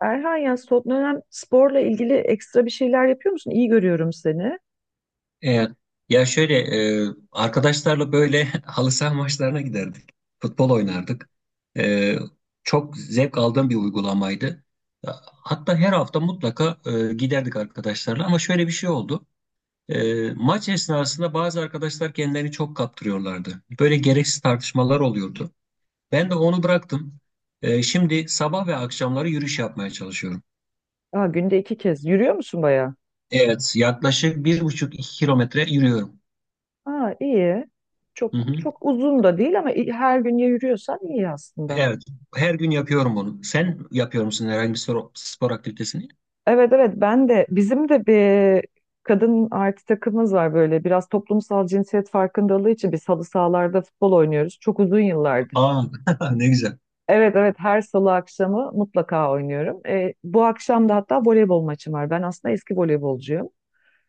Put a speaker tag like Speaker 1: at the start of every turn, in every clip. Speaker 1: Erhan ya son dönem sporla ilgili ekstra bir şeyler yapıyor musun? İyi görüyorum seni.
Speaker 2: Evet. Ya şöyle Arkadaşlarla böyle halı saha maçlarına giderdik. Futbol oynardık. E, Çok zevk aldığım bir uygulamaydı. Hatta her hafta mutlaka giderdik arkadaşlarla ama şöyle bir şey oldu. Maç esnasında bazı arkadaşlar kendilerini çok kaptırıyorlardı. Böyle gereksiz tartışmalar oluyordu. Ben de onu bıraktım. Şimdi sabah ve akşamları yürüyüş yapmaya çalışıyorum.
Speaker 1: Aa, günde iki kez. Yürüyor musun bayağı?
Speaker 2: Evet, yaklaşık bir buçuk iki kilometre yürüyorum.
Speaker 1: Aa, iyi.
Speaker 2: Hı
Speaker 1: Çok
Speaker 2: hı.
Speaker 1: çok uzun da değil ama her gün ya yürüyorsan iyi aslında.
Speaker 2: Evet. Her gün yapıyorum bunu. Sen yapıyor musun herhangi bir spor, spor aktivitesini?
Speaker 1: Evet, evet, ben de bizim de bir kadın artı takımımız var, böyle biraz toplumsal cinsiyet farkındalığı için biz halı sahalarda futbol oynuyoruz. Çok uzun yıllardır.
Speaker 2: Aa, ne güzel.
Speaker 1: Evet, evet, her salı akşamı mutlaka oynuyorum. Bu akşam da hatta voleybol maçım var. Ben aslında eski voleybolcuyum.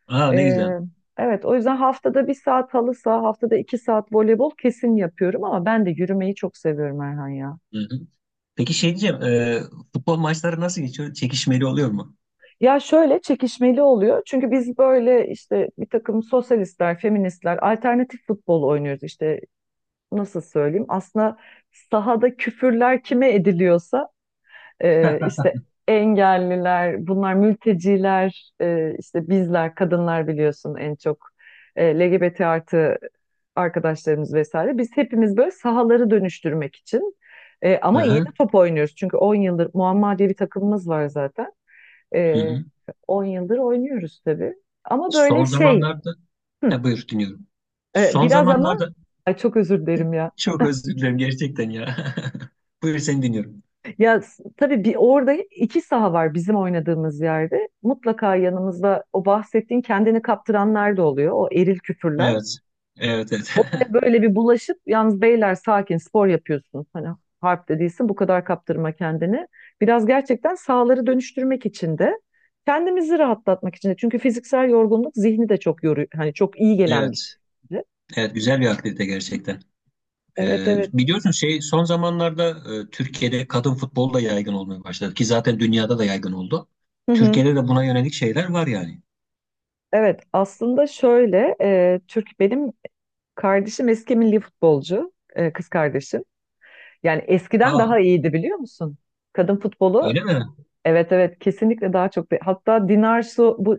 Speaker 2: Aa, ne
Speaker 1: Ee,
Speaker 2: güzel.
Speaker 1: evet, o yüzden haftada 1 saat halı saha, haftada 2 saat voleybol kesin yapıyorum, ama ben de yürümeyi çok seviyorum Erhan ya.
Speaker 2: Hı-hı. Peki şey diyeceğim, futbol maçları nasıl geçiyor? Çekişmeli oluyor mu?
Speaker 1: Ya şöyle, çekişmeli oluyor çünkü biz böyle işte bir takım sosyalistler, feministler, alternatif futbol oynuyoruz, işte nasıl söyleyeyim. Aslında sahada küfürler kime ediliyorsa, işte engelliler, bunlar, mülteciler, işte bizler, kadınlar biliyorsun en çok, LGBT artı arkadaşlarımız vesaire. Biz hepimiz böyle sahaları dönüştürmek için, ama iyi de
Speaker 2: Hı-hı.
Speaker 1: top oynuyoruz. Çünkü 10 yıldır Muamma diye bir takımımız var zaten. E,
Speaker 2: Hı-hı.
Speaker 1: 10 yıldır oynuyoruz tabii. Ama böyle
Speaker 2: Son
Speaker 1: şey,
Speaker 2: zamanlarda...
Speaker 1: hı,
Speaker 2: Ha, buyur dinliyorum. Son
Speaker 1: biraz ama
Speaker 2: zamanlarda...
Speaker 1: ay, çok özür dilerim ya.
Speaker 2: Çok özür dilerim gerçekten ya. Buyur seni dinliyorum.
Speaker 1: Ya, tabii bir, orada iki saha var bizim oynadığımız yerde. Mutlaka yanımızda o bahsettiğin kendini kaptıranlar da oluyor. O eril küfürler.
Speaker 2: Evet. Evet, evet.
Speaker 1: Ve böyle bir bulaşıp, yalnız beyler, sakin spor yapıyorsun. Hani harp de değilsin, bu kadar kaptırma kendini. Biraz gerçekten sahaları dönüştürmek için de, kendimizi rahatlatmak için de. Çünkü fiziksel yorgunluk zihni de çok yoruyor. Hani çok iyi gelen bir şey.
Speaker 2: Evet. Evet, güzel bir aktivite gerçekten.
Speaker 1: Evet, evet.
Speaker 2: Biliyorsun şey son zamanlarda Türkiye'de kadın futbol da yaygın olmaya başladı ki zaten dünyada da yaygın oldu.
Speaker 1: Hı hı.
Speaker 2: Türkiye'de de buna yönelik şeyler var yani.
Speaker 1: Evet, aslında şöyle, Türk, benim kardeşim eski milli futbolcu, kız kardeşim. Yani eskiden
Speaker 2: Aa,
Speaker 1: daha iyiydi, biliyor musun? Kadın futbolu,
Speaker 2: öyle mi?
Speaker 1: evet, evet, kesinlikle daha çok. Hatta Dinarsu, bu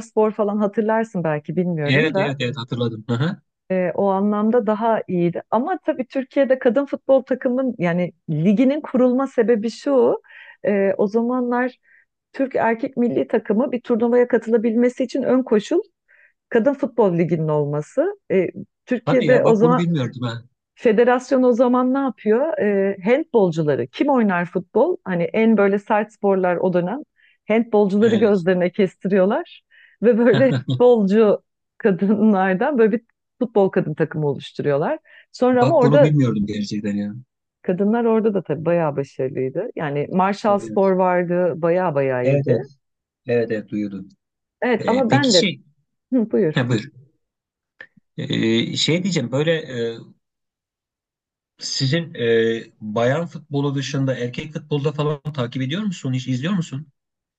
Speaker 1: Spor falan hatırlarsın belki,
Speaker 2: Evet
Speaker 1: bilmiyorum da
Speaker 2: evet evet hatırladım. Hı hı.
Speaker 1: o anlamda daha iyiydi. Ama tabii Türkiye'de kadın futbol takımın, yani liginin kurulma sebebi şu. O zamanlar Türk erkek milli takımı bir turnuvaya katılabilmesi için ön koşul kadın futbol liginin olması.
Speaker 2: Hadi
Speaker 1: Türkiye'de
Speaker 2: ya
Speaker 1: o
Speaker 2: bak bunu
Speaker 1: zaman
Speaker 2: bilmiyordum ha.
Speaker 1: federasyon o zaman ne yapıyor? Handbolcuları, kim oynar futbol? Hani en böyle sert sporlar o dönem. Handbolcuları
Speaker 2: Evet.
Speaker 1: gözlerine kestiriyorlar ve böyle futbolcu kadınlardan böyle bir futbol kadın takımı oluşturuyorlar. Sonra ama
Speaker 2: Bak bunu
Speaker 1: orada
Speaker 2: bilmiyordum gerçekten ya.
Speaker 1: kadınlar orada da tabii bayağı başarılıydı. Yani Marshall Spor
Speaker 2: Evet
Speaker 1: vardı, bayağı bayağı
Speaker 2: evet
Speaker 1: iyiydi.
Speaker 2: evet evet, evet duyuyordum.
Speaker 1: Evet, ama
Speaker 2: Peki
Speaker 1: ben de,
Speaker 2: şey
Speaker 1: hı, buyur.
Speaker 2: ha, buyur. Şey diyeceğim böyle e, sizin bayan futbolu dışında erkek futbolda falan takip ediyor musun? Hiç izliyor musun?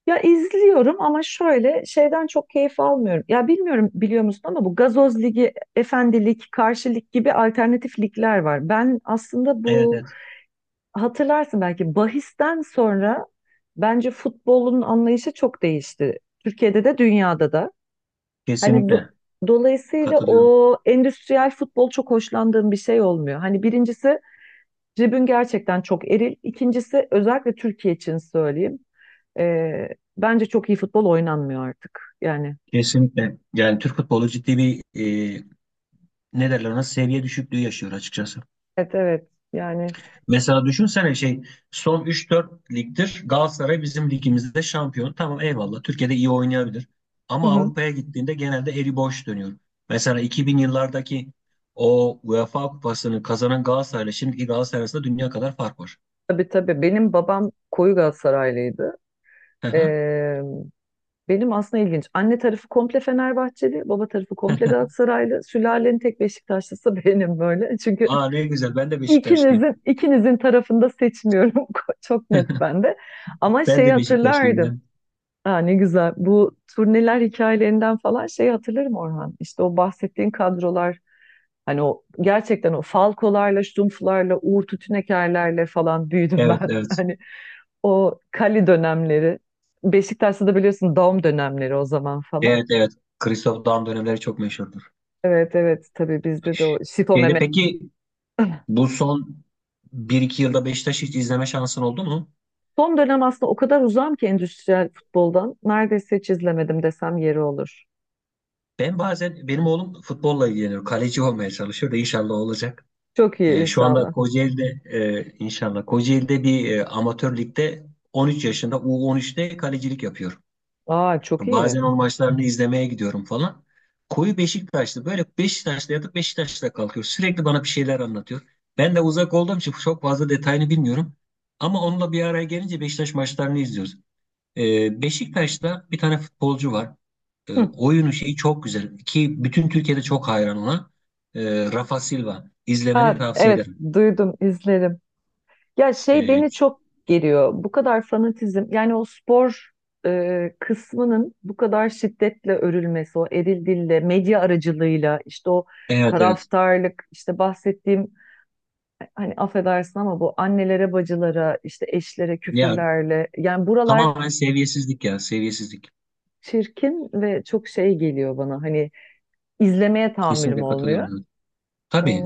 Speaker 1: Ya izliyorum ama şöyle şeyden çok keyif almıyorum. Ya, bilmiyorum, biliyor musun ama bu gazoz ligi, efendilik, karşı lig gibi alternatif ligler var. Ben aslında
Speaker 2: Evet
Speaker 1: bu,
Speaker 2: evet
Speaker 1: hatırlarsın belki, bahisten sonra bence futbolun anlayışı çok değişti. Türkiye'de de dünyada da. Hani
Speaker 2: kesinlikle.
Speaker 1: dolayısıyla
Speaker 2: Katılıyorum.
Speaker 1: o endüstriyel futbol çok hoşlandığım bir şey olmuyor. Hani birincisi, tribün gerçekten çok eril. İkincisi, özellikle Türkiye için söyleyeyim. Ee, Bence çok iyi futbol oynanmıyor artık. Yani
Speaker 2: Kesinlikle. Yani Türk futbolu ciddi bir e, ne derler ona seviye düşüklüğü yaşıyor açıkçası.
Speaker 1: evet, evet, yani
Speaker 2: Mesela düşünsene şey son üç dört ligdir Galatasaray bizim ligimizde şampiyon. Tamam eyvallah Türkiye'de iyi oynayabilir.
Speaker 1: hı
Speaker 2: Ama
Speaker 1: hı.
Speaker 2: Avrupa'ya gittiğinde genelde eli boş dönüyor. Mesela 2000 yıllardaki o UEFA kupasını kazanan Galatasaray'la şimdiki Galatasaray arasında dünya kadar fark var.
Speaker 1: Tabii, tabii, benim babam koyu Galatasaraylıydı.
Speaker 2: Hı hı.
Speaker 1: Ee, Benim aslında ilginç, anne tarafı komple Fenerbahçeli, baba tarafı komple Galatasaraylı, sülalenin tek Beşiktaşlısı benim böyle, çünkü
Speaker 2: Aa ne güzel ben de Beşiktaşlıyım.
Speaker 1: ikinizin tarafında seçmiyorum çok net bende. Ama
Speaker 2: Ben
Speaker 1: şeyi
Speaker 2: de Beşiktaşlıyım
Speaker 1: hatırlardım,
Speaker 2: ya.
Speaker 1: ha, ne güzel, bu turneler hikayelerinden falan, şeyi hatırlarım Orhan. İşte o bahsettiğin kadrolar, hani o gerçekten o Falkolarla, Ştumfularla, Uğur Tütünekerlerle falan büyüdüm
Speaker 2: Evet
Speaker 1: ben.
Speaker 2: evet.
Speaker 1: Hani o Kali dönemleri, Beşiktaş'ta da biliyorsun Daum dönemleri o zaman falan.
Speaker 2: Evet evet. Christoph Daum dönemleri çok meşhurdur.
Speaker 1: Evet, evet, tabii bizde de o Şito
Speaker 2: Şeyde
Speaker 1: Mehmet.
Speaker 2: peki bu son bir iki yılda Beşiktaş'ı hiç izleme şansın oldu mu?
Speaker 1: Son dönem aslında o kadar uzağım ki endüstriyel futboldan. Neredeyse hiç izlemedim desem yeri olur.
Speaker 2: Ben bazen benim oğlum futbolla ilgileniyor. Kaleci olmaya çalışıyor da inşallah olacak.
Speaker 1: Çok iyi
Speaker 2: Şu anda
Speaker 1: inşallah.
Speaker 2: İnşallah Kocaeli'de bir amatör ligde 13 yaşında U13'te kalecilik yapıyor.
Speaker 1: Aa, çok iyi.
Speaker 2: Bazen onun maçlarını izlemeye gidiyorum falan. Koyu Beşiktaşlı böyle Beşiktaş'ta yatıp Beşiktaş'ta kalkıyor. Sürekli bana bir şeyler anlatıyor. Ben de uzak olduğum için çok fazla detayını bilmiyorum. Ama onunla bir araya gelince Beşiktaş maçlarını izliyoruz. Beşiktaş'ta bir tane futbolcu var.
Speaker 1: Hı.
Speaker 2: Oyunu şeyi çok güzel ki bütün Türkiye'de çok hayran ona. Rafa Silva.
Speaker 1: Aa,
Speaker 2: İzlemeni tavsiye
Speaker 1: evet,
Speaker 2: ederim.
Speaker 1: duydum, izlerim. Ya, şey
Speaker 2: Ee,
Speaker 1: beni çok geriyor. Bu kadar fanatizm, yani o spor kısmının bu kadar şiddetle örülmesi, o eril dille, medya aracılığıyla, işte o
Speaker 2: evet evet.
Speaker 1: taraftarlık, işte bahsettiğim, hani affedersin ama bu annelere, bacılara, işte eşlere
Speaker 2: Ya
Speaker 1: küfürlerle, yani buralar
Speaker 2: tamamen seviyesizlik ya seviyesizlik.
Speaker 1: çirkin ve çok şey geliyor bana. Hani izlemeye tahammülüm
Speaker 2: Kesinlikle
Speaker 1: olmuyor.
Speaker 2: katılıyorum. Evet. Tabii.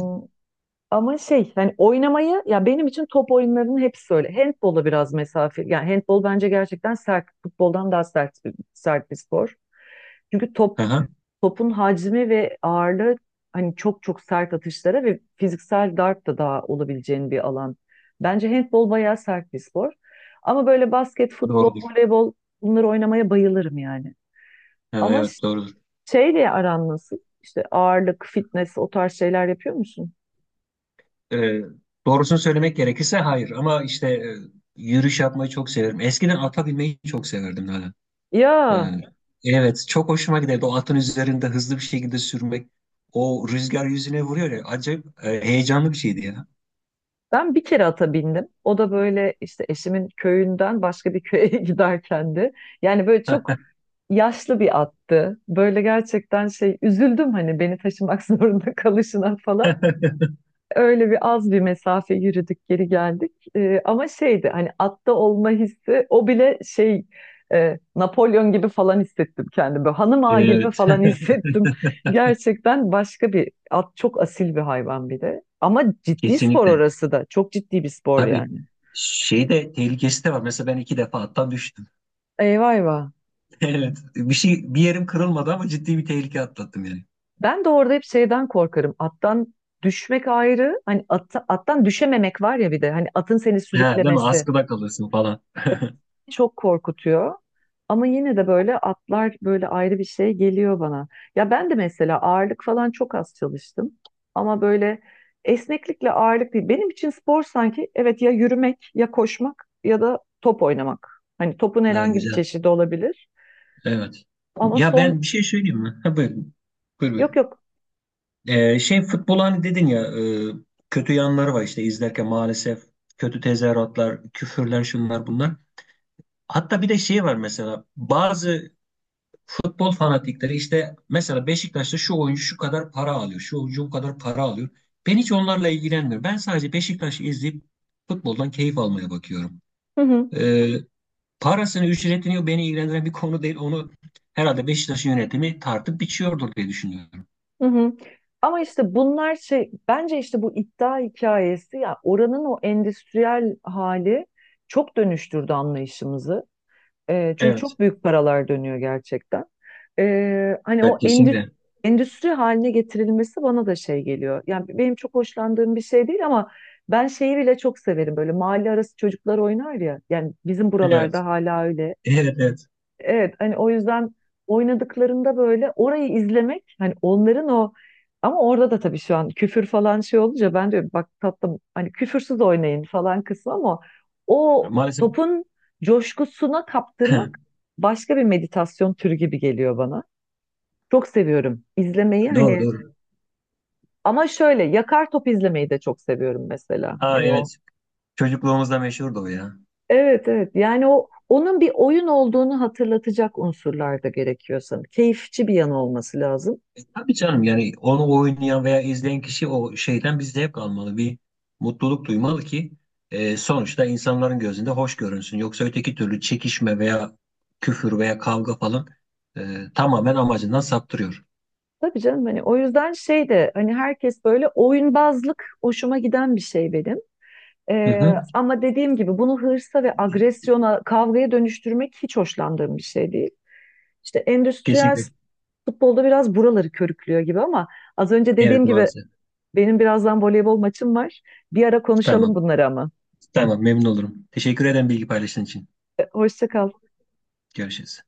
Speaker 1: Ama şey, hani oynamayı, ya benim için top oyunlarının hepsi öyle. Handbola biraz mesafe. Yani handbol bence gerçekten sert. Futboldan daha sert, bir spor. Çünkü top
Speaker 2: Hı-hı.
Speaker 1: topun hacmi ve ağırlığı hani çok çok sert atışlara ve fiziksel darp da daha olabileceğin bir alan. Bence handbol bayağı sert bir spor. Ama böyle basket, futbol,
Speaker 2: Doğrudur.
Speaker 1: voleybol, bunları oynamaya bayılırım yani.
Speaker 2: Ha,
Speaker 1: Ama
Speaker 2: evet doğrudur.
Speaker 1: şeyle aran nasıl? İşte ağırlık, fitness, o tarz şeyler yapıyor musun?
Speaker 2: Ee, Doğrusunu söylemek gerekirse hayır ama işte yürüyüş yapmayı çok severim. Eskiden ata binmeyi çok severdim hala.
Speaker 1: Ya,
Speaker 2: Ee, Evet, çok hoşuma giderdi. O atın üzerinde hızlı bir şekilde sürmek. O rüzgar yüzüne vuruyor ya. Acayip heyecanlı bir şeydi ya.
Speaker 1: ben bir kere ata bindim. O da böyle işte eşimin köyünden başka bir köye giderken de. Yani böyle çok yaşlı bir attı. Böyle gerçekten şey, üzüldüm hani beni taşımak zorunda kalışına falan. Öyle bir az bir mesafe yürüdük, geri geldik. Ama şeydi, hani atta olma hissi o bile şey, Napolyon gibi falan hissettim kendimi. Hanım ağa gibi
Speaker 2: Evet.
Speaker 1: falan hissettim. Gerçekten başka, bir at çok asil bir hayvan bir de. Ama ciddi spor,
Speaker 2: Kesinlikle.
Speaker 1: orası da çok ciddi bir spor
Speaker 2: Tabii.
Speaker 1: yani.
Speaker 2: Şey de tehlikesi de var. Mesela ben iki defa attan düştüm.
Speaker 1: Eyvah, eyvah.
Speaker 2: Evet. Bir şey bir yerim kırılmadı ama ciddi bir tehlike atlattım yani.
Speaker 1: Ben de orada hep şeyden korkarım. Attan düşmek ayrı. Hani at, attan düşememek var ya bir de. Hani atın seni
Speaker 2: Ha, değil mi?
Speaker 1: sürüklemesi
Speaker 2: Askıda kalırsın falan.
Speaker 1: çok korkutuyor. Ama yine de böyle atlar böyle ayrı bir şey geliyor bana. Ya, ben de mesela ağırlık falan çok az çalıştım. Ama böyle, esneklikle ağırlık değil. Benim için spor sanki, evet, ya yürümek ya koşmak ya da top oynamak. Hani topun
Speaker 2: Ha,
Speaker 1: herhangi bir
Speaker 2: güzel.
Speaker 1: çeşidi olabilir.
Speaker 2: Evet.
Speaker 1: Ama
Speaker 2: Ya
Speaker 1: son,
Speaker 2: ben bir şey söyleyeyim mi? Ha, buyurun. Buyur, buyur.
Speaker 1: yok, yok.
Speaker 2: Şey futbol hani dedin ya e, kötü yanları var işte izlerken maalesef kötü tezahüratlar, küfürler şunlar bunlar. Hatta bir de şey var mesela bazı futbol fanatikleri işte mesela Beşiktaş'ta şu oyuncu şu kadar para alıyor, şu oyuncu bu kadar para alıyor. Ben hiç onlarla ilgilenmiyorum. Ben sadece Beşiktaş'ı izleyip futboldan keyif almaya bakıyorum.
Speaker 1: Hı hı,
Speaker 2: Ee, Parasını, ücretini beni ilgilendiren bir konu değil. Onu herhalde Beşiktaş'ın yönetimi tartıp biçiyordur diye düşünüyorum.
Speaker 1: hı hı. Ama işte bunlar şey, bence işte bu iddia hikayesi, ya oranın o endüstriyel hali çok dönüştürdü anlayışımızı. Çünkü
Speaker 2: Evet,
Speaker 1: çok büyük paralar dönüyor gerçekten. Hani
Speaker 2: evet
Speaker 1: o endüstri,
Speaker 2: kesinlikle.
Speaker 1: endüstri haline getirilmesi bana da şey geliyor. Yani benim çok hoşlandığım bir şey değil ama ben şeyi bile çok severim. Böyle mahalle arası çocuklar oynar ya. Yani bizim
Speaker 2: Evet.
Speaker 1: buralarda hala öyle.
Speaker 2: Evet, evet.
Speaker 1: Evet, hani o yüzden oynadıklarında böyle orayı izlemek, hani onların o, ama orada da tabii şu an küfür falan şey olunca ben diyorum, bak tatlım, hani küfürsüz oynayın falan kısmı, ama o
Speaker 2: Maalesef
Speaker 1: topun coşkusuna kaptırmak başka bir meditasyon türü gibi geliyor bana. Çok seviyorum izlemeyi,
Speaker 2: doğru
Speaker 1: hani
Speaker 2: doğru.
Speaker 1: ama şöyle yakar top izlemeyi de çok seviyorum mesela.
Speaker 2: Ha
Speaker 1: Hani o,
Speaker 2: evet. Çocukluğumuzda meşhurdu o ya.
Speaker 1: evet, evet, yani, o onun bir oyun olduğunu hatırlatacak unsurlar da gerekiyor sanırım. Keyifçi bir yanı olması lazım.
Speaker 2: Tabii canım yani onu oynayan veya izleyen kişi o şeyden bir zevk almalı. Bir mutluluk duymalı ki sonuçta insanların gözünde hoş görünsün. Yoksa öteki türlü çekişme veya küfür veya kavga falan tamamen amacından saptırıyor.
Speaker 1: Tabii canım, hani o yüzden şey de, hani herkes böyle oyunbazlık hoşuma giden bir şey benim.
Speaker 2: Hı hı.
Speaker 1: Ama dediğim gibi bunu hırsa ve agresyona, kavgaya dönüştürmek hiç hoşlandığım bir şey değil. İşte endüstriyel
Speaker 2: Kesinlikle.
Speaker 1: futbolda biraz buraları körüklüyor gibi, ama az önce
Speaker 2: Evet
Speaker 1: dediğim gibi,
Speaker 2: maalesef.
Speaker 1: benim birazdan voleybol maçım var. Bir ara konuşalım
Speaker 2: Tamam.
Speaker 1: bunları ama.
Speaker 2: Tamam memnun olurum. Teşekkür ederim bilgi paylaştığın için.
Speaker 1: Hoşça kal.
Speaker 2: Görüşürüz.